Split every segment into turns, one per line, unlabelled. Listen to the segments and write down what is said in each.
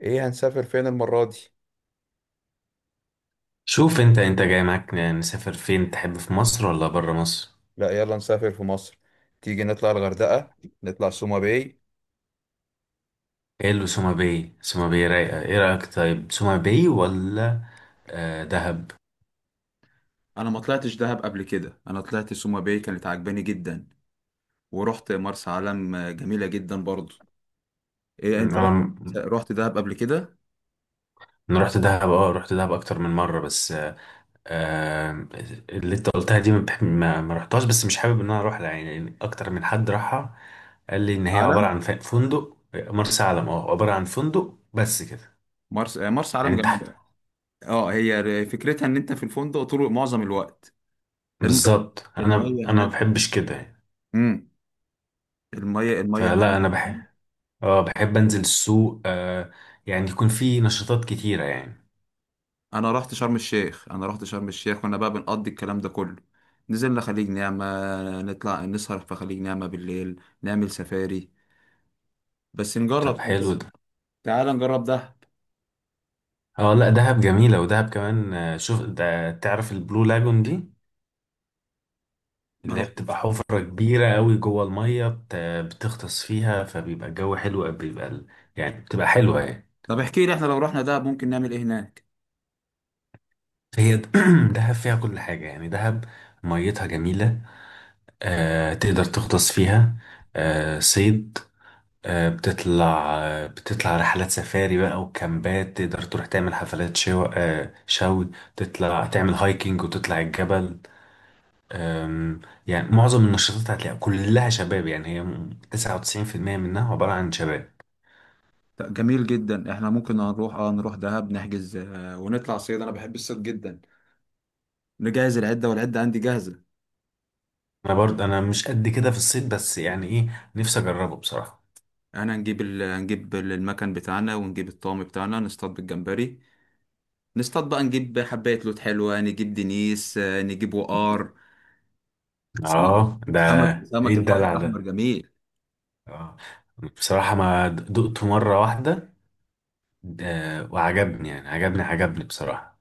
ايه، هنسافر فين المرة دي؟
شوف، انت جاي معاك نسافر فين تحب؟ في مصر ولا بره مصر؟
لا، يلا نسافر في مصر. تيجي نطلع الغردقة. نطلع سوما باي.
ايه اللي سوما باي؟ سوما باي رايقه، ايه رايك؟ طيب سوما باي ولا آه دهب.
انا ما طلعتش دهب قبل كده، انا طلعت سوما باي كانت عجباني جدا. ورحت مرسى علم، جميله جدا برضو. إيه، انت رحت؟
انا
رحت دهب قبل كده؟
انا رحت دهب، اه رحت دهب اكتر من مره. بس آه اللي انت قلتها دي ما, بح- ما ما رحتهاش، بس مش حابب ان انا اروح لها يعني اكتر من حد راحها. قال لي ان
مرسى
هي عباره عن
علم.
فندق. مرسى علم اه عباره عن فندق بس كده.
مرسى علم
يعني انت
جميله. اه هي فكرتها ان انت في الفندق طول معظم الوقت. الم-
بالظبط. انا
الميه
انا ما
هناك.
بحبش كده يعني.
امم الميه
فلا
هناك.
انا بحب، اه بحب انزل السوق. آه يعني يكون في نشاطات كتيرة يعني.
انا رحت شرم الشيخ وانا بقى بنقضي الكلام ده كله. نزلنا خليج نعمة، نطلع نسهر في خليج نعمة بالليل، نعمل سفاري، بس
طب
نجرب.
حلو ده.
تعال نجرب دهب.
اه لا دهب جميلة، ودهب كمان آه، شوف ده، تعرف البلو لاجون دي؟
ما
اللي هي
رحت.
بتبقى حفرة كبيرة قوي جوه المية، بتغطس فيها، فبيبقى الجو حلو، بيبقى يعني بتبقى حلوة يعني.
طب احكي لي، احنا لو رحنا دهب ممكن نعمل ايه هناك؟
هي دهب فيها كل حاجة يعني. دهب ميتها جميلة، آه تقدر تغطس فيها، آه صيد، آه بتطلع، آه بتطلع رحلات سفاري بقى وكامبات، تقدر تروح تعمل حفلات آه، شوي تطلع تعمل هايكنج وتطلع الجبل. آم، يعني معظم النشاطات هتلاقيها كلها شباب. يعني هي 99% منها عبارة عن شباب.
طب جميل جدا، احنا ممكن هنروح نروح دهب نحجز، ونطلع صيد. انا بحب الصيد جدا. نجهز العدة، والعدة عندي جاهزة.
انا برضه انا مش قد كده في الصيد، بس يعني ايه، نفسي اجربه بصراحة.
انا هنجيب المكان بتاعنا ونجيب الطعم بتاعنا، نصطاد بالجمبري. نصطاد بقى، نجيب حباية لوت حلوة، نجيب دنيس، نجيب وقار. سمك.
اه ده
سمك
ايه
سمك البحر
الدلع
الأحمر
ده؟
جميل.
اه بصراحة ما دقته مرة واحدة، آه، وعجبني يعني، عجبني بصراحة.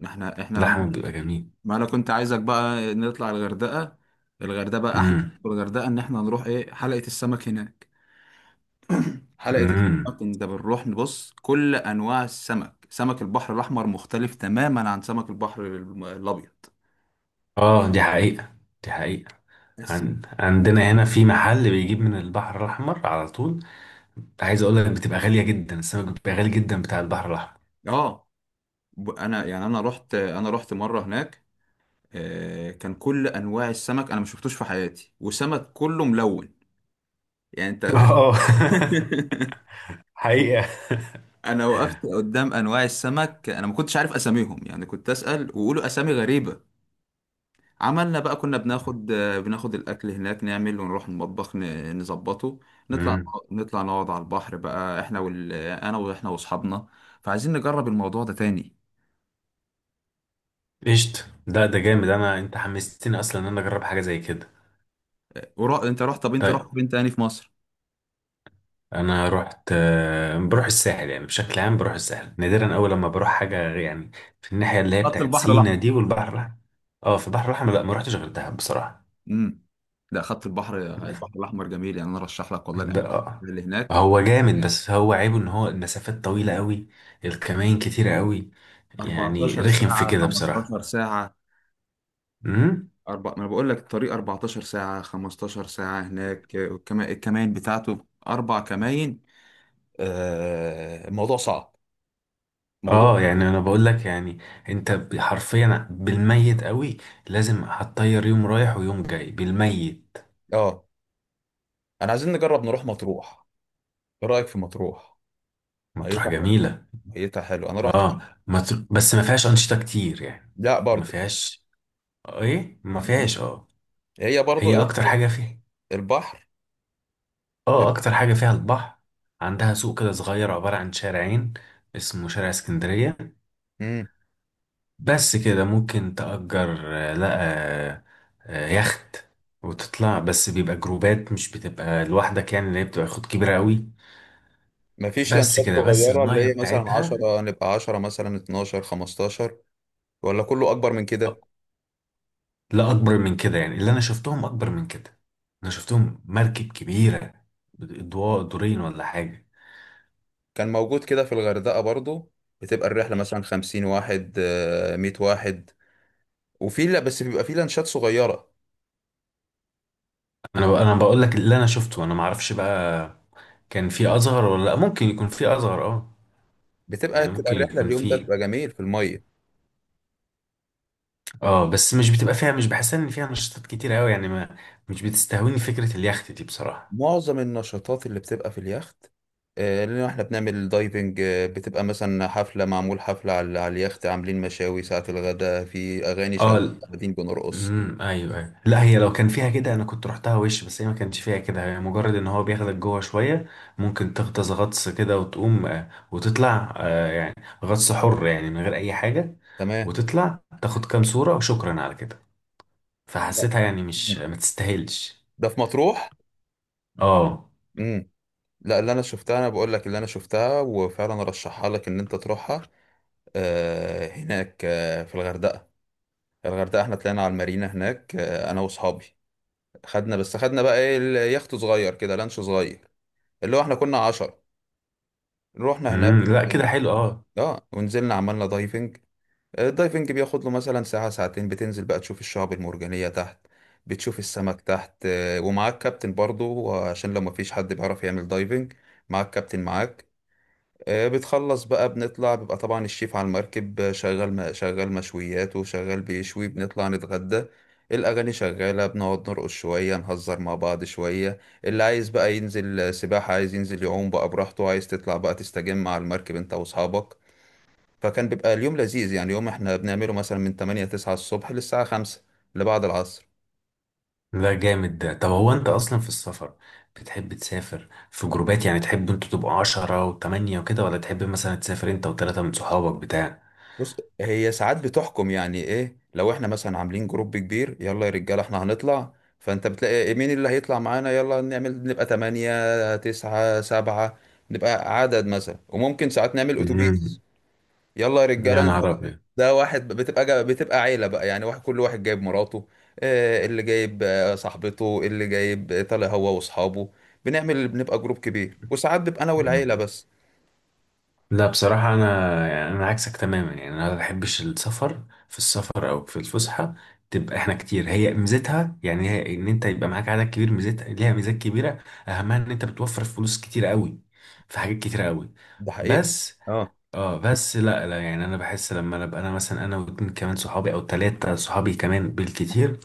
ما احنا احنا.
اللحم بيبقى جميل.
ما انا كنت عايزك بقى نطلع الغردقة. الغردقة بقى احلى.
مم.
في الغردقة ان احنا نروح ايه، حلقة السمك هناك. حلقة
امم.
السمك، انت بنروح نبص كل انواع السمك. سمك البحر الأحمر مختلف تماما عن سمك البحر الأبيض.
اه دي حقيقة، دي حقيقة.
بس،
عندنا هنا في محل بيجيب من البحر الأحمر على طول، عايز أقول لك بتبقى غالية جدا، السمك بيبقى غالي جدا بتاع البحر الأحمر.
اه انا يعني انا رحت مرة هناك. كان كل انواع السمك انا ما شفتوش في حياتي، وسمك كله ملون. يعني انت.
اه حقيقة.
انا وقفت قدام انواع السمك، انا ما كنتش عارف اساميهم، يعني كنت اسال ويقولوا اسامي غريبه. عملنا بقى، كنا بناخد الاكل هناك، نعمل ونروح المطبخ نظبطه. نطلع.
امم.
نطلع نقعد على البحر بقى احنا انا واحنا واصحابنا. فعايزين نجرب الموضوع ده تاني.
قشطة. ده جامد، أنا أنت حمستني أصلا إن أنا أجرب حاجة زي كده.
انت رحت طب انت
طيب
رحت فين تاني في مصر؟
أنا رحت، آه، بروح الساحل يعني بشكل عام، بروح الساحل نادرا. أول لما بروح حاجة يعني في الناحية اللي هي
خط
بتاعت
البحر
سينا
الاحمر.
دي والبحر الأحمر. اه في البحر الأحمر لا ما رحتش غير دهب بصراحة.
امم ده خط البحر. البحر الاحمر جميل، يعني انا ارشح لك والله الاماكن
ده
اللي هناك.
هو جامد، بس هو عيبه ان هو المسافات طويلة قوي، الكمائن كتيرة قوي، يعني رخم
14
في
ساعه،
كده
15
بصراحة.
ساعه.
امم.
ما انا بقول لك الطريق 14 ساعه 15 ساعه، هناك الكمائن بتاعته اربع كمائن. الموضوع صعب. موضوع،
اه يعني انا بقول لك يعني، انت حرفيا بالميت قوي، لازم هتطير يوم رايح ويوم جاي بالميت.
اه. انا عايزين نجرب نروح مطروح. ايه رايك في مطروح؟
مطروح
ميتها حلو.
جميلة.
ميتها حلو، انا رحت.
اه بس ما فيهاش أنشطة كتير يعني.
لا
ما
برضو.
فيهاش. ايه ما فيهاش اه.
هي برضو
هي
ايه،
اكتر حاجة فيها،
البحر.
اه
إيه؟
اكتر حاجة فيها البحر. عندها سوق كده صغير عبارة عن شارعين، اسمه شارع اسكندرية.
مم.
بس كده. ممكن تأجر آه، لا آه، آه، يخت وتطلع. بس بيبقى جروبات، مش بتبقى لوحدك يعني، اللي هي بتبقى خد كبيرة قوي.
مفيش
بس
لانشات
كده، بس
صغيرة اللي
المية
هي مثلا
بتاعتها.
عشرة، نبقى عشرة مثلا اتناشر خمستاشر؟ ولا كله أكبر من كده؟
لا اكبر من كده، يعني اللي انا شفتهم اكبر من كده. انا شفتهم مركب كبيرة، اضواء، دورين ولا حاجة.
كان موجود كده في الغردقة برضو. بتبقى الرحلة مثلا خمسين واحد، مية واحد. وفي، لا بس بيبقى في لانشات صغيرة.
انا بقول لك اللي انا شفته، انا ما اعرفش بقى كان في اصغر ولا لا. ممكن يكون في اصغر اه.
بتبقى
يعني
بتبقى
ممكن
الرحلة،
يكون
اليوم ده
في.
بيبقى جميل في المية.
اه بس مش بتبقى فيها، مش بحسها ان فيها نشاطات كتير قوي يعني. ما مش بتستهويني فكرة اليخت دي بصراحة.
معظم النشاطات اللي بتبقى في اليخت. لأن احنا بنعمل دايفنج. بتبقى مثلا حفلة، معمول حفلة على اليخت، عاملين مشاوي ساعة الغداء، في أغاني
اه
شغالة
ال-
قاعدين بنرقص.
امم. ايوه ايوه. لا هي لو كان فيها كده انا كنت رحتها وش، بس هي ما كانش فيها كده. هي مجرد ان هو بياخدك جوه شوية، ممكن تغطس غطس كده وتقوم آه، وتطلع آه، غطس حر يعني من غير اي حاجة،
تمام.
وتطلع تاخد كام صورة وشكرا على كده.
لا.
فحسيتها يعني مش، ما تستاهلش.
ده في مطروح.
اه
امم لا، اللي انا شفتها انا بقول لك اللي انا شفتها، وفعلا ارشحها لك ان انت تروحها. هناك، في الغردقه. الغردقه احنا طلعنا على المارينا هناك، انا واصحابي. خدنا بقى ايه، اليخت صغير كده، لانش صغير. اللي هو احنا كنا عشرة. رحنا
امم.
هناك.
لا كده حلو اه.
اه ونزلنا عملنا دايفنج. الدايفنج بياخد له مثلا ساعه ساعتين، بتنزل بقى تشوف الشعب المرجانيه تحت. بتشوف السمك تحت، ومعاك كابتن برضو عشان لو مفيش حد بيعرف يعمل دايفنج. معاك كابتن معاك. بتخلص بقى بنطلع، بيبقى طبعا الشيف على المركب، شغال مشويات وشغال بيشوي، بنطلع نتغدى. الأغاني شغالة، بنقعد نرقص شوية نهزر مع بعض شوية. اللي عايز بقى ينزل سباحة عايز ينزل يعوم بقى براحته، عايز تطلع بقى تستجم على المركب انت وأصحابك. فكان بيبقى اليوم لذيذ، يعني يوم احنا بنعمله مثلا من 8 9 الصبح للساعة 5، اللي بعد العصر.
لا جامد ده. طب هو انت اصلا في السفر بتحب تسافر في جروبات، يعني تحب انتوا تبقوا عشرة وتمانية وكده، ولا تحب مثلا تسافر انت وتلاتة من صحابك بتاع؟
بص، هي ساعات بتحكم، يعني ايه لو احنا مثلا عاملين جروب كبير، يلا يا رجاله احنا هنطلع. فانت بتلاقي إيه، مين اللي هيطلع معانا، يلا نعمل نبقى تمانية تسعة سبعة. نبقى عدد مثلا، وممكن ساعات نعمل اتوبيس.
امم.
يلا يا
يا
رجاله
نهار
ده.
ابيض.
ده واحد، بتبقى عيله بقى، يعني واحد كل واحد جايب مراته، اللي جايب صاحبته، اللي جايب طالع هو واصحابه. بنبقى جروب كبير، وساعات بيبقى انا
مم.
والعيله بس.
لا بصراحة أنا يعني أنا عكسك تماما. يعني أنا ما بحبش السفر، في السفر أو في الفسحة، تبقى إحنا كتير. هي ميزتها يعني، هي إن أنت يبقى معاك عدد كبير، ميزتها ليها ميزات كبيرة، أهمها إن أنت بتوفر فلوس كتير قوي في حاجات كتير قوي.
ده حقيقه.
بس اه، بس لا لا، يعني انا بحس لما انا ابقى، انا مثلا انا واتنين كمان صحابي او تلاتة صحابي كمان بالكتير،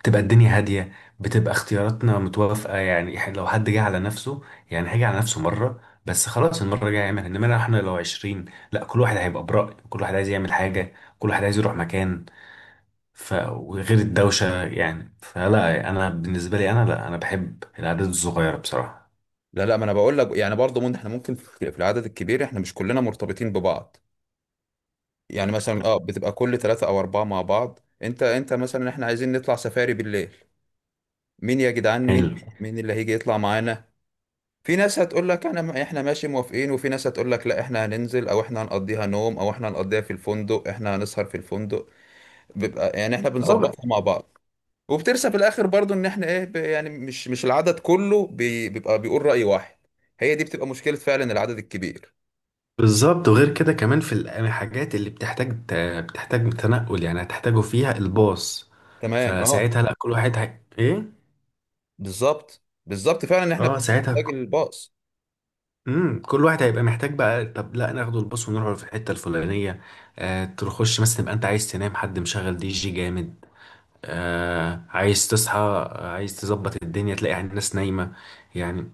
بتبقى الدنيا هادية، بتبقى اختياراتنا متوافقة. يعني لو حد جه على نفسه، يعني هيجي على نفسه مرة، بس خلاص المرة الجاية يعمل. انما لو احنا لو عشرين، لا كل واحد هيبقى برأي، كل واحد عايز يعمل حاجة، كل واحد عايز يروح مكان. ف وغير الدوشة يعني. فلا انا بالنسبة لي انا، لا انا بحب الأعداد الصغيرة بصراحة.
لا، لا، ما انا بقول لك يعني برضه ممكن احنا ممكن في العدد الكبير احنا مش كلنا مرتبطين ببعض. يعني مثلا، بتبقى كل ثلاثة او اربعة مع بعض. انت مثلا احنا عايزين نطلع سفاري بالليل، مين يا جدعان، مين؟
حلو
مين اللي هيجي يطلع معانا؟ في ناس هتقول لك انا احنا ماشي موافقين، وفي ناس هتقول لك لا احنا هننزل، او احنا هنقضيها نوم، او احنا هنقضيها في الفندق، احنا هنسهر في الفندق. بيبقى يعني احنا
اه.
بنظبطها مع بعض. وبترسى في الاخر برضه ان احنا ايه يعني مش العدد كله بيبقى بيقول رأي واحد. هي دي بتبقى مشكلة فعلا العدد الكبير.
بالظبط. وغير كده كمان في الحاجات اللي بتحتاج بتحتاج تنقل، يعني هتحتاجوا فيها الباص.
تمام، اه.
فساعتها لا كل واحد ايه.
بالظبط بالظبط، فعلا ان احنا
اه
بنبقى
ساعتها
محتاج الباص.
مم. كل واحد هيبقى محتاج بقى، طب لا ناخده الباص ونروح في الحته الفلانيه، آه تخش مثلا تبقى انت عايز تنام، حد مشغل دي جي جامد، آه عايز تصحى آه، عايز تظبط الدنيا، تلاقي الناس نايمه. يعني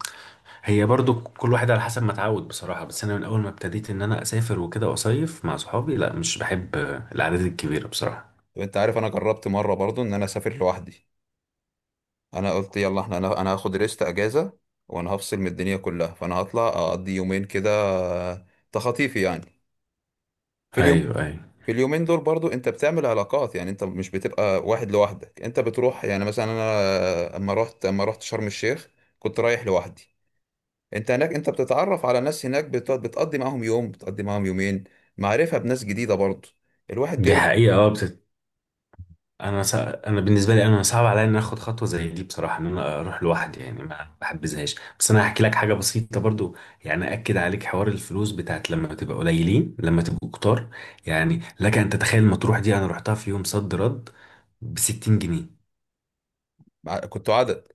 هي برضو كل واحد على حسب ما اتعود بصراحة. بس أنا من أول ما ابتديت إن أنا أسافر وكده وأصيف مع صحابي، لا مش بحب الأعداد الكبيرة بصراحة.
طب انت عارف، انا جربت مره برضو ان انا اسافر لوحدي. انا قلت يلا، احنا انا انا هاخد ريست اجازه. وانا هفصل من الدنيا كلها، فانا هطلع اقضي يومين كده. آه، تخطيفي يعني، في اليوم.
أيوه أيوه.
في اليومين دول برضو انت بتعمل علاقات، يعني انت مش بتبقى واحد لوحدك، انت بتروح يعني مثلا انا. اما رحت شرم الشيخ، كنت رايح لوحدي. انت هناك انت بتتعرف على ناس هناك، بتقضي معاهم يوم، بتقضي معاهم يومين. معرفة بناس جديدة برضه، الواحد
دي
بيرجع.
حقيقة. أه بتت... أنا سا... أنا بالنسبة لي أنا صعب عليا إن أنا آخد خطوة زي دي بصراحة، إن أنا أروح لوحدي. يعني ما بحبذهاش. بس أنا هحكي لك حاجة بسيطة برضو، يعني أكد عليك حوار الفلوس بتاعت لما تبقى قليلين لما تبقوا كتار. يعني لك أن تتخيل مطروح دي أنا رحتها في يوم صد رد ب 60 جنيه.
كنتوا عدد؟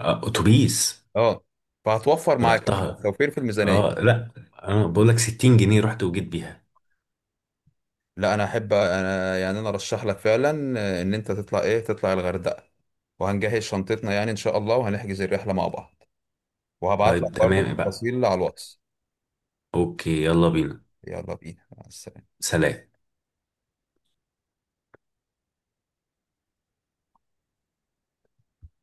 آه، أتوبيس.
اه، فهتوفر معاك، هتبقى
رحتها
توفير في الميزانية.
اه لا، انا بقول لك 60 جنيه رحت وجيت بيها.
لا، انا ارشح لك فعلا ان انت تطلع ايه، تطلع الغردقة. وهنجهز شنطتنا يعني ان شاء الله، وهنحجز الرحلة مع بعض. وهبعت لك
طيب
برضه
تمام بقى.
التفاصيل على الواتس.
اوكي يلا بينا.
يلا بينا، مع السلامة.
سلام.